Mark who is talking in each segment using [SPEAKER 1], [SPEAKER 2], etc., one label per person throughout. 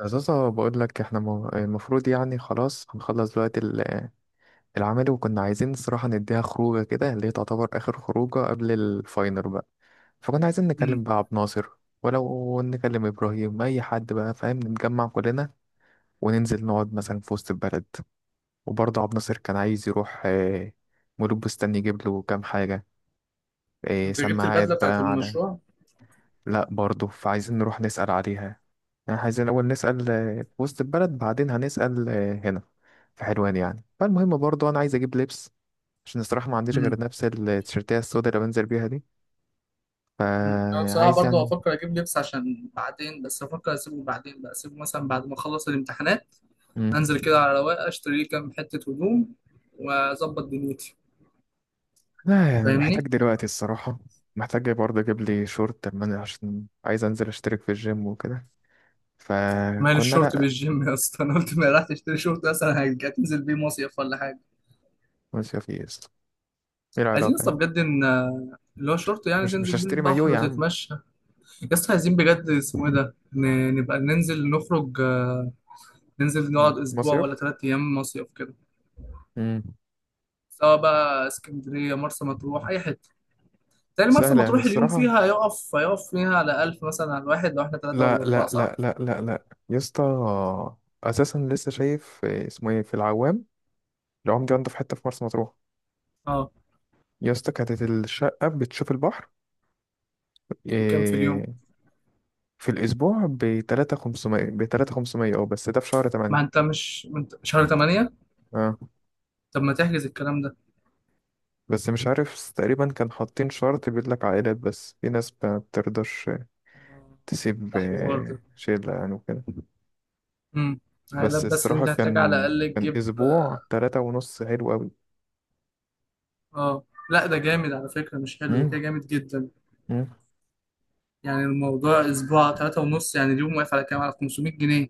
[SPEAKER 1] أساسا بقول لك احنا المفروض يعني خلاص هنخلص دلوقتي العمل، وكنا عايزين الصراحة نديها خروجة كده اللي هي تعتبر آخر خروجة قبل الفاينل بقى. فكنا عايزين نكلم
[SPEAKER 2] امم
[SPEAKER 1] بقى عبد ناصر، ولو نكلم إبراهيم أي حد بقى فاهم، نتجمع كلنا وننزل نقعد مثلا في وسط البلد. وبرضه عبد ناصر كان عايز يروح مولود بستان يجيب له كام حاجة،
[SPEAKER 2] انت جبت
[SPEAKER 1] سماعات
[SPEAKER 2] البدله بتاعت
[SPEAKER 1] بقى على.
[SPEAKER 2] المشروع؟
[SPEAKER 1] لا، برضه فعايزين نروح نسأل عليها. يعني عايزين الأول نسأل في وسط البلد، بعدين هنسأل هنا في حلوان. يعني فالمهم برضه أنا عايز أجيب لبس عشان الصراحة ما عنديش
[SPEAKER 2] امم
[SPEAKER 1] غير نفس التيشيرتية السوداء اللي بنزل بيها دي.
[SPEAKER 2] أمم. انا بصراحه
[SPEAKER 1] فعايز
[SPEAKER 2] برضه
[SPEAKER 1] يعني.
[SPEAKER 2] هفكر اجيب لبس عشان بعدين، بس هفكر اسيبه بعدين، بقى اسيبه مثلا بعد ما اخلص الامتحانات،
[SPEAKER 1] مم.
[SPEAKER 2] انزل كده على رواقه اشتري لي كام حته هدوم واظبط دنيتي.
[SPEAKER 1] لا يعني محتاج
[SPEAKER 2] فاهمني؟
[SPEAKER 1] دلوقتي الصراحة. محتاج برضه أجيب لي شورت لما عشان عايز أنزل أشترك في الجيم وكده.
[SPEAKER 2] مال
[SPEAKER 1] فكنا
[SPEAKER 2] الشورت
[SPEAKER 1] لأ.
[SPEAKER 2] بالجيم يا اسطى؟ انا قلت ما راح تشتري شورت اصلا، هتنزل بيه مصيف ولا حاجه؟
[SPEAKER 1] مصيف إيه يا اسطى؟ إيه
[SPEAKER 2] عايزين
[SPEAKER 1] العلاقة
[SPEAKER 2] يا اسطى
[SPEAKER 1] يعني؟
[SPEAKER 2] بجد ان اللي هو شورت، يعني
[SPEAKER 1] مش
[SPEAKER 2] تنزل بيه
[SPEAKER 1] هشتري مايو
[SPEAKER 2] البحر
[SPEAKER 1] يا عم.
[SPEAKER 2] وتتمشى. يا اسطى عايزين بجد، اسمه ايه ده، نبقى ننزل نخرج، ننزل
[SPEAKER 1] مم.
[SPEAKER 2] نقعد اسبوع
[SPEAKER 1] مصيف.
[SPEAKER 2] ولا ثلاث ايام مصيف كده،
[SPEAKER 1] مم.
[SPEAKER 2] سواء بقى اسكندريه، مرسى مطروح، اي حته تاني. مرسى
[SPEAKER 1] سهلة يعني
[SPEAKER 2] مطروح اليوم
[SPEAKER 1] الصراحة.
[SPEAKER 2] فيها هيقف فيها على 1000 مثلا على الواحد، لو احنا ثلاثه ولا
[SPEAKER 1] لا
[SPEAKER 2] اربعه،
[SPEAKER 1] لا
[SPEAKER 2] صح؟
[SPEAKER 1] لا لا لا لا يا اسطى، اساسا لسه شايف اسمه ايه في العوام. العوام دي عنده في حته في مرسى مطروح.
[SPEAKER 2] اه،
[SPEAKER 1] يا اسطى كانت الشقه بتشوف البحر.
[SPEAKER 2] بكام في
[SPEAKER 1] آه،
[SPEAKER 2] اليوم؟
[SPEAKER 1] في الاسبوع ب 3500 ب 3500، اه بس ده في شهر 8.
[SPEAKER 2] ما انت شهر 8.
[SPEAKER 1] اه
[SPEAKER 2] طب ما تحجز الكلام ده؟
[SPEAKER 1] بس مش عارف، تقريبا كان حاطين شرط بيقول لك عائلات بس، في ناس ما بترضاش
[SPEAKER 2] آه،
[SPEAKER 1] تسيب
[SPEAKER 2] ده حوار ده.
[SPEAKER 1] شله يعني وكده.
[SPEAKER 2] امم عائلات
[SPEAKER 1] بس
[SPEAKER 2] بس،
[SPEAKER 1] الصراحه
[SPEAKER 2] انت هتحتاج على
[SPEAKER 1] كان
[SPEAKER 2] الاقل
[SPEAKER 1] كان
[SPEAKER 2] تجيب.
[SPEAKER 1] اسبوع تلاتة ونص حلو
[SPEAKER 2] اه لا، ده جامد على فكره، مش حلو، ده كده جامد جدا.
[SPEAKER 1] قوي.
[SPEAKER 2] يعني الموضوع اسبوع ثلاثة ونص، يعني اليوم واقف على كام، على 500 جنيه؟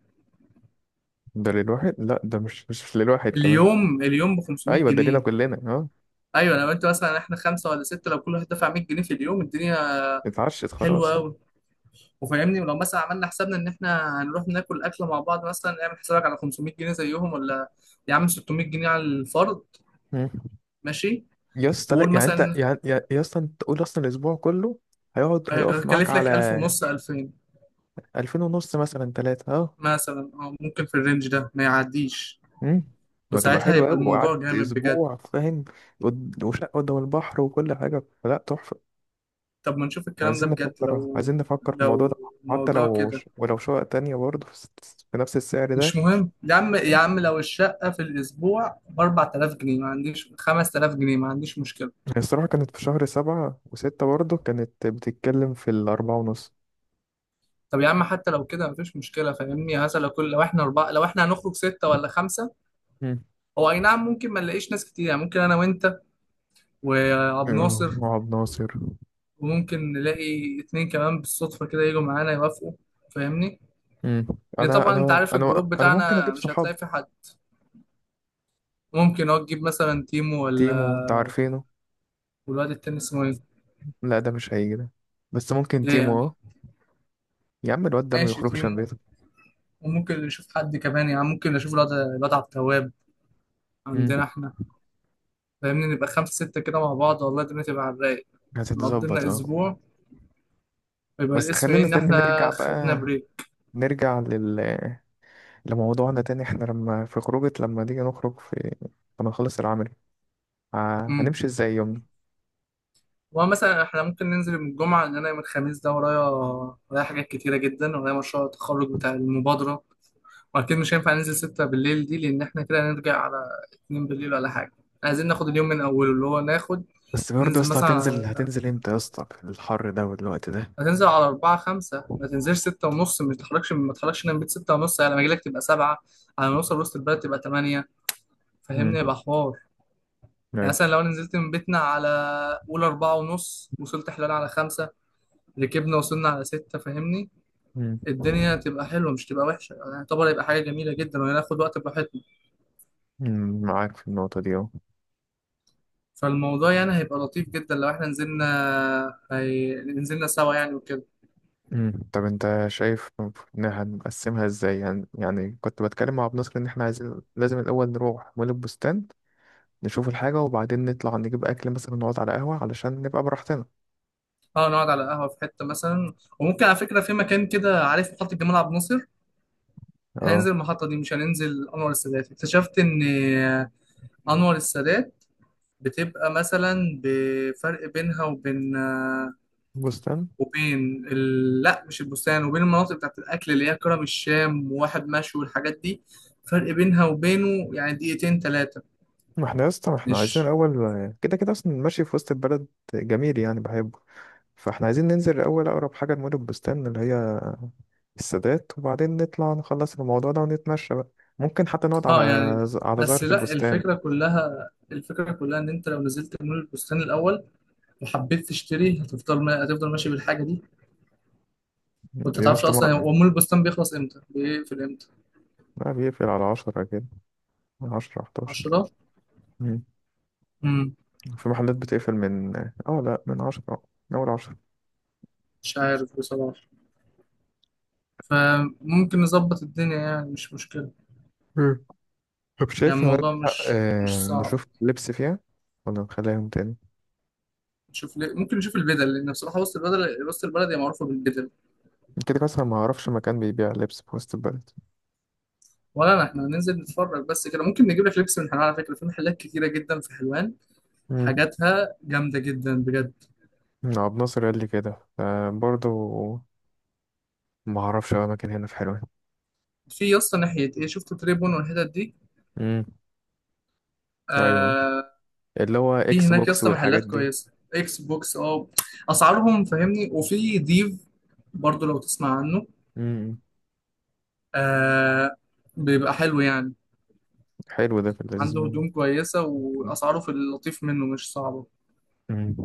[SPEAKER 1] ده للواحد. لا ده مش للواحد كمان.
[SPEAKER 2] اليوم اليوم ب 500
[SPEAKER 1] ايوه ده لينا
[SPEAKER 2] جنيه
[SPEAKER 1] كلنا، اه.
[SPEAKER 2] ايوه لو انت مثلا، احنا خمسه ولا سته، لو كل واحد دفع 100 جنيه في اليوم، الدنيا
[SPEAKER 1] اتعشت
[SPEAKER 2] حلوه
[SPEAKER 1] خلاص، اه.
[SPEAKER 2] قوي. وفاهمني ولو مثلا عملنا حسابنا ان احنا هنروح ناكل اكله مع بعض، مثلا نعمل حسابك على 500 جنيه زيهم، ولا يا عم 600 جنيه على الفرد.
[SPEAKER 1] مم.
[SPEAKER 2] ماشي.
[SPEAKER 1] يا اسطى، لا
[SPEAKER 2] وقول
[SPEAKER 1] يعني انت
[SPEAKER 2] مثلا
[SPEAKER 1] يعني يا اسطى، انت تقول اصلا الاسبوع كله هيقف معاك
[SPEAKER 2] هكلف
[SPEAKER 1] على
[SPEAKER 2] لك 1000 ونص، 2000
[SPEAKER 1] 2000 ونص، مثلا ثلاثة، اه.
[SPEAKER 2] مثلا. اه ممكن في الرينج ده ما يعديش.
[SPEAKER 1] امم. وهتبقى
[SPEAKER 2] وساعتها
[SPEAKER 1] حلوة
[SPEAKER 2] يبقى
[SPEAKER 1] قوي
[SPEAKER 2] الموضوع
[SPEAKER 1] وقعدت
[SPEAKER 2] جامد بجد.
[SPEAKER 1] اسبوع فاهم. وشقة قدام البحر وكل حاجة، فلا تحفة.
[SPEAKER 2] طب ما نشوف الكلام ده
[SPEAKER 1] عايزين
[SPEAKER 2] بجد،
[SPEAKER 1] نفكر،
[SPEAKER 2] لو
[SPEAKER 1] عايزين نفكر في الموضوع ده.
[SPEAKER 2] لو
[SPEAKER 1] حتى
[SPEAKER 2] الموضوع
[SPEAKER 1] لو
[SPEAKER 2] كده
[SPEAKER 1] ولو شقة تانية برضه في نفس السعر
[SPEAKER 2] مش مهم يا عم.
[SPEAKER 1] ده.
[SPEAKER 2] لو الشقة في الأسبوع ب 4000 جنيه، ما عنديش 5000 جنيه، ما عنديش مشكلة.
[SPEAKER 1] هي الصراحة كانت في شهر سبعة وستة، برضه كانت بتتكلم في الأربعة ونص.
[SPEAKER 2] طب يا عم حتى لو كده مفيش مشكلة. فاهمني؟ هذا لو كل، لو احنا أربعة، لو احنا هنخرج ستة ولا خمسة.
[SPEAKER 1] مم.
[SPEAKER 2] هو أي نعم ممكن ما نلاقيش ناس كتير، يعني ممكن أنا وأنت وعبد
[SPEAKER 1] آه،
[SPEAKER 2] ناصر،
[SPEAKER 1] وعبد ناصر.
[SPEAKER 2] وممكن نلاقي اتنين كمان بالصدفة كده يجوا معانا يوافقوا. فاهمني؟
[SPEAKER 1] مم.
[SPEAKER 2] يعني
[SPEAKER 1] أنا
[SPEAKER 2] طبعا أنت
[SPEAKER 1] أنا
[SPEAKER 2] عارف
[SPEAKER 1] أنا
[SPEAKER 2] الجروب
[SPEAKER 1] أنا ممكن
[SPEAKER 2] بتاعنا
[SPEAKER 1] أجيب
[SPEAKER 2] مش
[SPEAKER 1] صحاب.
[SPEAKER 2] هتلاقي فيه حد. ممكن أه تجيب مثلا تيمو، ولا
[SPEAKER 1] تيمو أنت عارفينه.
[SPEAKER 2] والواد التاني اسمه إيه؟
[SPEAKER 1] لا ده مش هيجي ده. بس ممكن
[SPEAKER 2] ليه
[SPEAKER 1] تيمو،
[SPEAKER 2] يعني؟
[SPEAKER 1] أه. يا عم الواد ده ما
[SPEAKER 2] ماشي
[SPEAKER 1] يخرجش
[SPEAKER 2] تيمو،
[SPEAKER 1] من بيته.
[SPEAKER 2] وممكن نشوف حد كمان. يعني ممكن نشوف الواد عبد التواب عندنا
[SPEAKER 1] مم.
[SPEAKER 2] احنا. فاهمني؟ نبقى خمسة ستة كده مع بعض، والله الدنيا تبقى على الرايق. نقضي
[SPEAKER 1] هتتظبط،
[SPEAKER 2] لنا
[SPEAKER 1] أه.
[SPEAKER 2] أسبوع، ويبقى
[SPEAKER 1] بس
[SPEAKER 2] الاسم إيه
[SPEAKER 1] خلينا
[SPEAKER 2] إن
[SPEAKER 1] تاني نرجع
[SPEAKER 2] احنا خدنا
[SPEAKER 1] بقى،
[SPEAKER 2] بريك.
[SPEAKER 1] نرجع لموضوعنا تاني. احنا لما في خروجة، لما نيجي نخرج في، لما نخلص العمل،
[SPEAKER 2] أمم.
[SPEAKER 1] هنمشي ازاي؟
[SPEAKER 2] ومثلا احنا ممكن ننزل يوم الجمعة، لأن أنا يوم الخميس ده ورايا، ورايا حاجات كتيرة جدا، ورايا مشروع التخرج بتاع المبادرة. وأكيد مش هينفع ننزل ستة بالليل دي، لأن احنا كده هنرجع على اتنين بالليل ولا حاجة. عايزين ناخد اليوم من أوله، اللي هو ناخد،
[SPEAKER 1] بس برضه يا
[SPEAKER 2] ننزل
[SPEAKER 1] اسطى هتنزل
[SPEAKER 2] مثلا،
[SPEAKER 1] هتنزل امتى يا اسطى في الحر ده والوقت ده؟
[SPEAKER 2] هتنزل على أربعة خمسة، ما تنزلش ستة ونص. ما تتحركش، من بيت ستة ونص، على ما أجيلك تبقى سبعة، على ما نوصل وسط البلد تبقى تمانية.
[SPEAKER 1] امم.
[SPEAKER 2] فاهمني؟ يبقى حوار. يعني
[SPEAKER 1] ايوه.
[SPEAKER 2] مثلا لو أنا نزلت من بيتنا على قول أربعة ونص، وصلت حلال على خمسة، ركبنا وصلنا على ستة. فاهمني؟
[SPEAKER 1] امم.
[SPEAKER 2] الدنيا تبقى حلوة مش تبقى وحشة. يعني يعتبر هيبقى حاجة جميلة جدا وهناخد وقت براحتنا.
[SPEAKER 1] أمم، معاك في النقطة دي اهو.
[SPEAKER 2] فالموضوع يعني هيبقى لطيف جدا لو احنا نزلنا، نزلنا سوا يعني وكده.
[SPEAKER 1] أمم، طب انت شايف ان هنقسمها ازاي يعني؟ يعني كنت بتكلم مع ابو نصر ان احنا عايزين لازم الاول نروح مول البستان، نشوف الحاجة وبعدين نطلع نجيب اكل مثلا، نقعد على قهوة علشان نبقى براحتنا.
[SPEAKER 2] اه نقعد على قهوة في حتة مثلا. وممكن على فكرة في مكان كده، عارف محطة جمال عبد الناصر؟
[SPEAKER 1] اه.
[SPEAKER 2] هننزل المحطة دي، مش هننزل أنور السادات. اكتشفت إن أنور السادات بتبقى مثلا بفرق بينها وبين،
[SPEAKER 1] بستان.
[SPEAKER 2] وبين لا مش البستان، وبين المناطق بتاعت الأكل اللي هي كرم الشام وواحد مشوي والحاجات دي. فرق بينها وبينه يعني دقيقتين تلاتة.
[SPEAKER 1] ما احنا يا اسطى ما احنا عايزين
[SPEAKER 2] مش
[SPEAKER 1] الاول، كده كده اصلا ماشي في وسط البلد، جميل يعني بحبه. فاحنا عايزين ننزل الأول أقرب حاجة لمول البستان، اللي هي السادات. وبعدين نطلع نخلص الموضوع ده ونتمشى بقى. ممكن حتى نقعد على،
[SPEAKER 2] اه يعني،
[SPEAKER 1] على
[SPEAKER 2] بس
[SPEAKER 1] زهرة
[SPEAKER 2] لا
[SPEAKER 1] البستان.
[SPEAKER 2] الفكرة كلها، الفكرة كلها إن أنت لو نزلت مول البستان الأول وحبيت تشتري، هتفضل ما... هتفضل ماشي بالحاجة دي. وأنت
[SPEAKER 1] يا
[SPEAKER 2] تعرفش
[SPEAKER 1] اسطى،
[SPEAKER 2] أصلا
[SPEAKER 1] ما
[SPEAKER 2] هو مول البستان بيخلص إمتى بيقفل إمتى؟
[SPEAKER 1] ما بيقفل على عشرة كده، عشرة حداشر.
[SPEAKER 2] عشرة.
[SPEAKER 1] مم.
[SPEAKER 2] مم.
[SPEAKER 1] في محلات بتقفل من لا، من عشرة. من أول عشرة.
[SPEAKER 2] مش عارف بصراحة. فممكن نظبط الدنيا، يعني مش مشكلة.
[SPEAKER 1] مم. طب
[SPEAKER 2] يعني
[SPEAKER 1] شايف
[SPEAKER 2] الموضوع
[SPEAKER 1] هنلحق
[SPEAKER 2] مش صعب.
[SPEAKER 1] نشوف لبس فيها ولا نخليها يوم تاني؟
[SPEAKER 2] نشوف ليه ممكن نشوف البدل، لأن بصراحة وسط البلد، هي معروفة بالبدل.
[SPEAKER 1] كده كده أصلا ما أعرفش مكان بيبيع لبس في وسط البلد.
[SPEAKER 2] ولا أنا إحنا هننزل نتفرج بس كده. ممكن نجيب لك لبس من حلوان على فكرة، في محلات كتيرة جدا في حلوان،
[SPEAKER 1] مم.
[SPEAKER 2] حاجاتها جامدة جدا بجد.
[SPEAKER 1] عبد ناصر قال لي كده، فبرضه ما اعرفش أوي اماكن هنا في حلوان.
[SPEAKER 2] في يا اسطى ناحية إيه، شفت تريبون والحتت دي؟
[SPEAKER 1] امم. ايوه،
[SPEAKER 2] آه،
[SPEAKER 1] اللي هو
[SPEAKER 2] في
[SPEAKER 1] اكس
[SPEAKER 2] هناك يا
[SPEAKER 1] بوكس
[SPEAKER 2] اسطى
[SPEAKER 1] والحاجات
[SPEAKER 2] محلات
[SPEAKER 1] دي.
[SPEAKER 2] كويسة، إكس بوكس أه، أسعارهم فاهمني. وفي ديف برضو لو تسمع عنه
[SPEAKER 1] امم.
[SPEAKER 2] آه، بيبقى حلو يعني.
[SPEAKER 1] حلو، ده في اللذيذ
[SPEAKER 2] عنده
[SPEAKER 1] منه.
[SPEAKER 2] هدوم كويسة، وأسعاره في اللطيف منه مش صعبة
[SPEAKER 1] مم.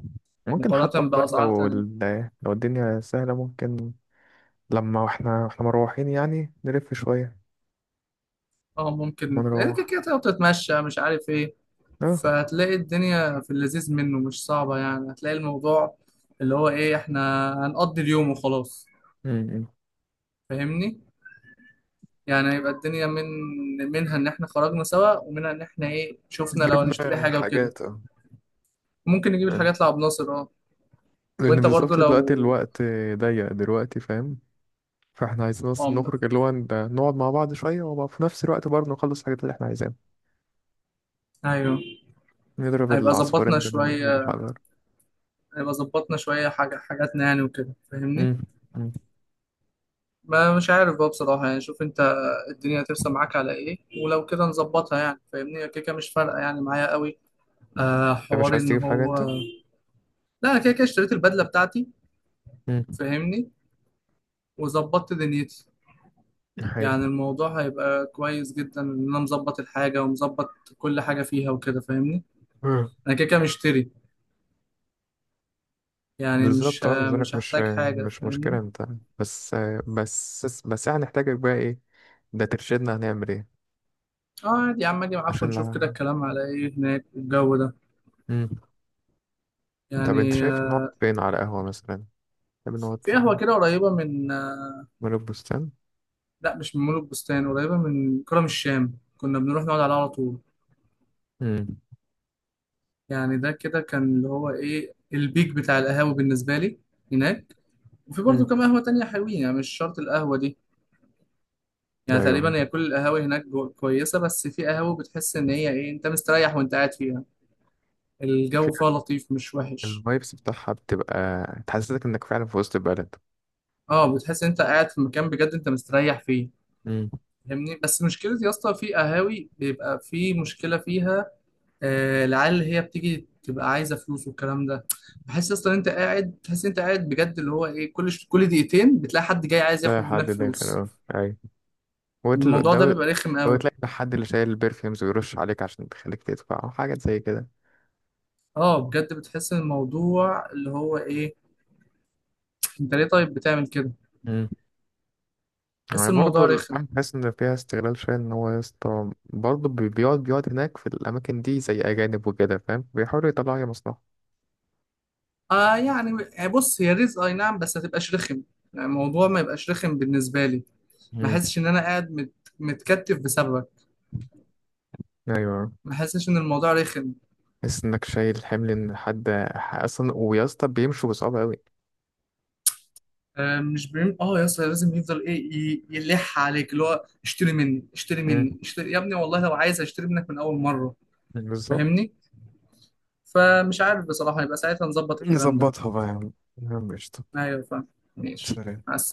[SPEAKER 1] ممكن حتى
[SPEAKER 2] مقارنة
[SPEAKER 1] والله
[SPEAKER 2] بأسعار
[SPEAKER 1] لو
[SPEAKER 2] تانية.
[SPEAKER 1] لو الدنيا سهلة، ممكن لما احنا مروحين يعني نلف شوية،
[SPEAKER 2] اه
[SPEAKER 1] ما
[SPEAKER 2] ممكن إيه، كده
[SPEAKER 1] نروح.
[SPEAKER 2] كده تقعد تتمشى مش عارف ايه.
[SPEAKER 1] اه.
[SPEAKER 2] فهتلاقي الدنيا في اللذيذ منه مش صعبة. يعني هتلاقي الموضوع اللي هو ايه، احنا هنقضي اليوم وخلاص.
[SPEAKER 1] مم.
[SPEAKER 2] فاهمني؟ يعني هيبقى الدنيا منها ان احنا خرجنا سوا، ومنها ان احنا ايه شفنا لو هنشتري
[SPEAKER 1] جبنا
[SPEAKER 2] حاجة وكده.
[SPEAKER 1] حاجات، اه.
[SPEAKER 2] ممكن نجيب
[SPEAKER 1] فاهم؟
[SPEAKER 2] الحاجات لعب ناصر اه.
[SPEAKER 1] لأن
[SPEAKER 2] وانت برضو
[SPEAKER 1] بالظبط دلوقتي
[SPEAKER 2] لو
[SPEAKER 1] الوقت ضيق دلوقتي، فاهم. فاحنا عايزين اصلا
[SPEAKER 2] اه.
[SPEAKER 1] نخرج اللي هو نقعد مع بعض شوية، وفي نفس الوقت برضه نخلص الحاجات اللي احنا عايزينها.
[SPEAKER 2] ايوه.
[SPEAKER 1] نضرب
[SPEAKER 2] هيبقى ظبطنا
[SPEAKER 1] العصفورين بين بين
[SPEAKER 2] شوية،
[SPEAKER 1] الحجر.
[SPEAKER 2] هيبقى ظبطنا شوية حاجة حاجاتنا يعني وكده. فاهمني؟
[SPEAKER 1] مم. مم.
[SPEAKER 2] ما مش عارف بقى بصراحة. يعني شوف انت الدنيا هترسم معاك على ايه، ولو كده نظبطها. يعني فاهمني هي كده كده مش فارقة يعني معايا قوي. آه
[SPEAKER 1] انت مش
[SPEAKER 2] حوار
[SPEAKER 1] عايز
[SPEAKER 2] ان
[SPEAKER 1] تجيب حاجة
[SPEAKER 2] هو،
[SPEAKER 1] انت؟
[SPEAKER 2] لا أنا كده كده اشتريت البدلة بتاعتي.
[SPEAKER 1] مم.
[SPEAKER 2] فاهمني؟ وظبطت دنيتي.
[SPEAKER 1] حلو.
[SPEAKER 2] يعني الموضوع هيبقى كويس جدا ان انا مظبط الحاجة ومظبط كل حاجة فيها وكده. فاهمني؟
[SPEAKER 1] مم.
[SPEAKER 2] انا كده كده مشتري، يعني مش
[SPEAKER 1] بالظبط، اه. بالنسبة لك
[SPEAKER 2] مش
[SPEAKER 1] مش،
[SPEAKER 2] هحتاج حاجة.
[SPEAKER 1] مش مشكلة
[SPEAKER 2] فاهمني؟
[SPEAKER 1] انت. بس بس احنا هنحتاجك بقى ايه، ده ترشدنا هنعمل ايه.
[SPEAKER 2] اه عادي يا عم اجي معاكم
[SPEAKER 1] عشان
[SPEAKER 2] نشوف
[SPEAKER 1] لا.
[SPEAKER 2] كده الكلام على ايه هناك والجو ده
[SPEAKER 1] مم. طب انت
[SPEAKER 2] يعني.
[SPEAKER 1] شايف نقعد فين على قهوة مثلا؟ طب نقعد
[SPEAKER 2] في
[SPEAKER 1] في
[SPEAKER 2] قهوة كده قريبة من،
[SPEAKER 1] مول البستان.
[SPEAKER 2] لا مش من مول البستان، قريبة من كرم الشام، كنا بنروح نقعد عليها على طول.
[SPEAKER 1] مم.
[SPEAKER 2] يعني ده كده كان اللي هو ايه البيك بتاع القهاوي بالنسبة لي هناك. وفي برضه
[SPEAKER 1] مم.
[SPEAKER 2] كام قهوة تانية حلوين، يعني مش شرط القهوة دي. يعني
[SPEAKER 1] ايوه،
[SPEAKER 2] تقريبا هي كل القهاوي هناك كويسة. بس في قهوة بتحس ان هي ايه، انت مستريح وانت قاعد فيها.
[SPEAKER 1] في
[SPEAKER 2] الجو فيها لطيف مش وحش.
[SPEAKER 1] الفايبس بتاعها بتبقى تحسسك انك فعلا في وسط البلد.
[SPEAKER 2] اه بتحس ان انت قاعد في مكان بجد انت مستريح فيه.
[SPEAKER 1] مم.
[SPEAKER 2] فاهمني؟ بس مشكلة يا اسطى في قهاوي بيبقى في مشكلة فيها، العيال اللي هي بتيجي تبقى عايزه فلوس والكلام ده. بحس اصلا انت قاعد، تحس انت قاعد بجد اللي هو ايه، كل كل دقيقتين بتلاقي حد جاي عايز
[SPEAKER 1] لا،
[SPEAKER 2] ياخد
[SPEAKER 1] حد
[SPEAKER 2] منك
[SPEAKER 1] داخل،
[SPEAKER 2] فلوس.
[SPEAKER 1] اه. ايوه.
[SPEAKER 2] الموضوع ده
[SPEAKER 1] ده،
[SPEAKER 2] بيبقى رخم قوي.
[SPEAKER 1] وتلاقي الحد اللي شايل البرفيومز ويرش عليك عشان تخليك تدفع أو حاجة زي كده.
[SPEAKER 2] اه بجد بتحس ان الموضوع اللي هو ايه، انت ليه طيب بتعمل كده.
[SPEAKER 1] مم.
[SPEAKER 2] بحس
[SPEAKER 1] يعني برضه
[SPEAKER 2] الموضوع رخم.
[SPEAKER 1] الأمن، بحس إن فيها استغلال شوية، إن هو يا اسطى برضه بيقعد هناك في الأماكن دي زي أجانب وكده فاهم، بيحاولوا يطلعوا أي مصلحة.
[SPEAKER 2] اه يعني بص هي رزق اي نعم، بس ما تبقاش رخم. يعني الموضوع ما يبقاش رخم بالنسبه لي. ما
[SPEAKER 1] مم.
[SPEAKER 2] احسش ان انا قاعد متكتف بسببك.
[SPEAKER 1] أيوه،
[SPEAKER 2] ما احسش ان الموضوع رخم.
[SPEAKER 1] تحس إنك شايل حمل إن حد، أصلا ويا اسطى بيمشوا بصعوبة أوي.
[SPEAKER 2] آه، مش بيم... اه يا اسطى لازم يفضل ايه يلح عليك اللي هو اشتري مني اشتري
[SPEAKER 1] مم.
[SPEAKER 2] مني اشتري يا ابني، والله لو عايز اشتري منك من اول مره.
[SPEAKER 1] بالظبط.
[SPEAKER 2] فاهمني؟ فمش عارف بصراحه يبقى ساعتها نظبط الكلام ده.
[SPEAKER 1] نظبطها بقى يا عم، يا عم قشطة.
[SPEAKER 2] ايوه فاهم. ماشي
[SPEAKER 1] سلام.
[SPEAKER 2] مع السلامه.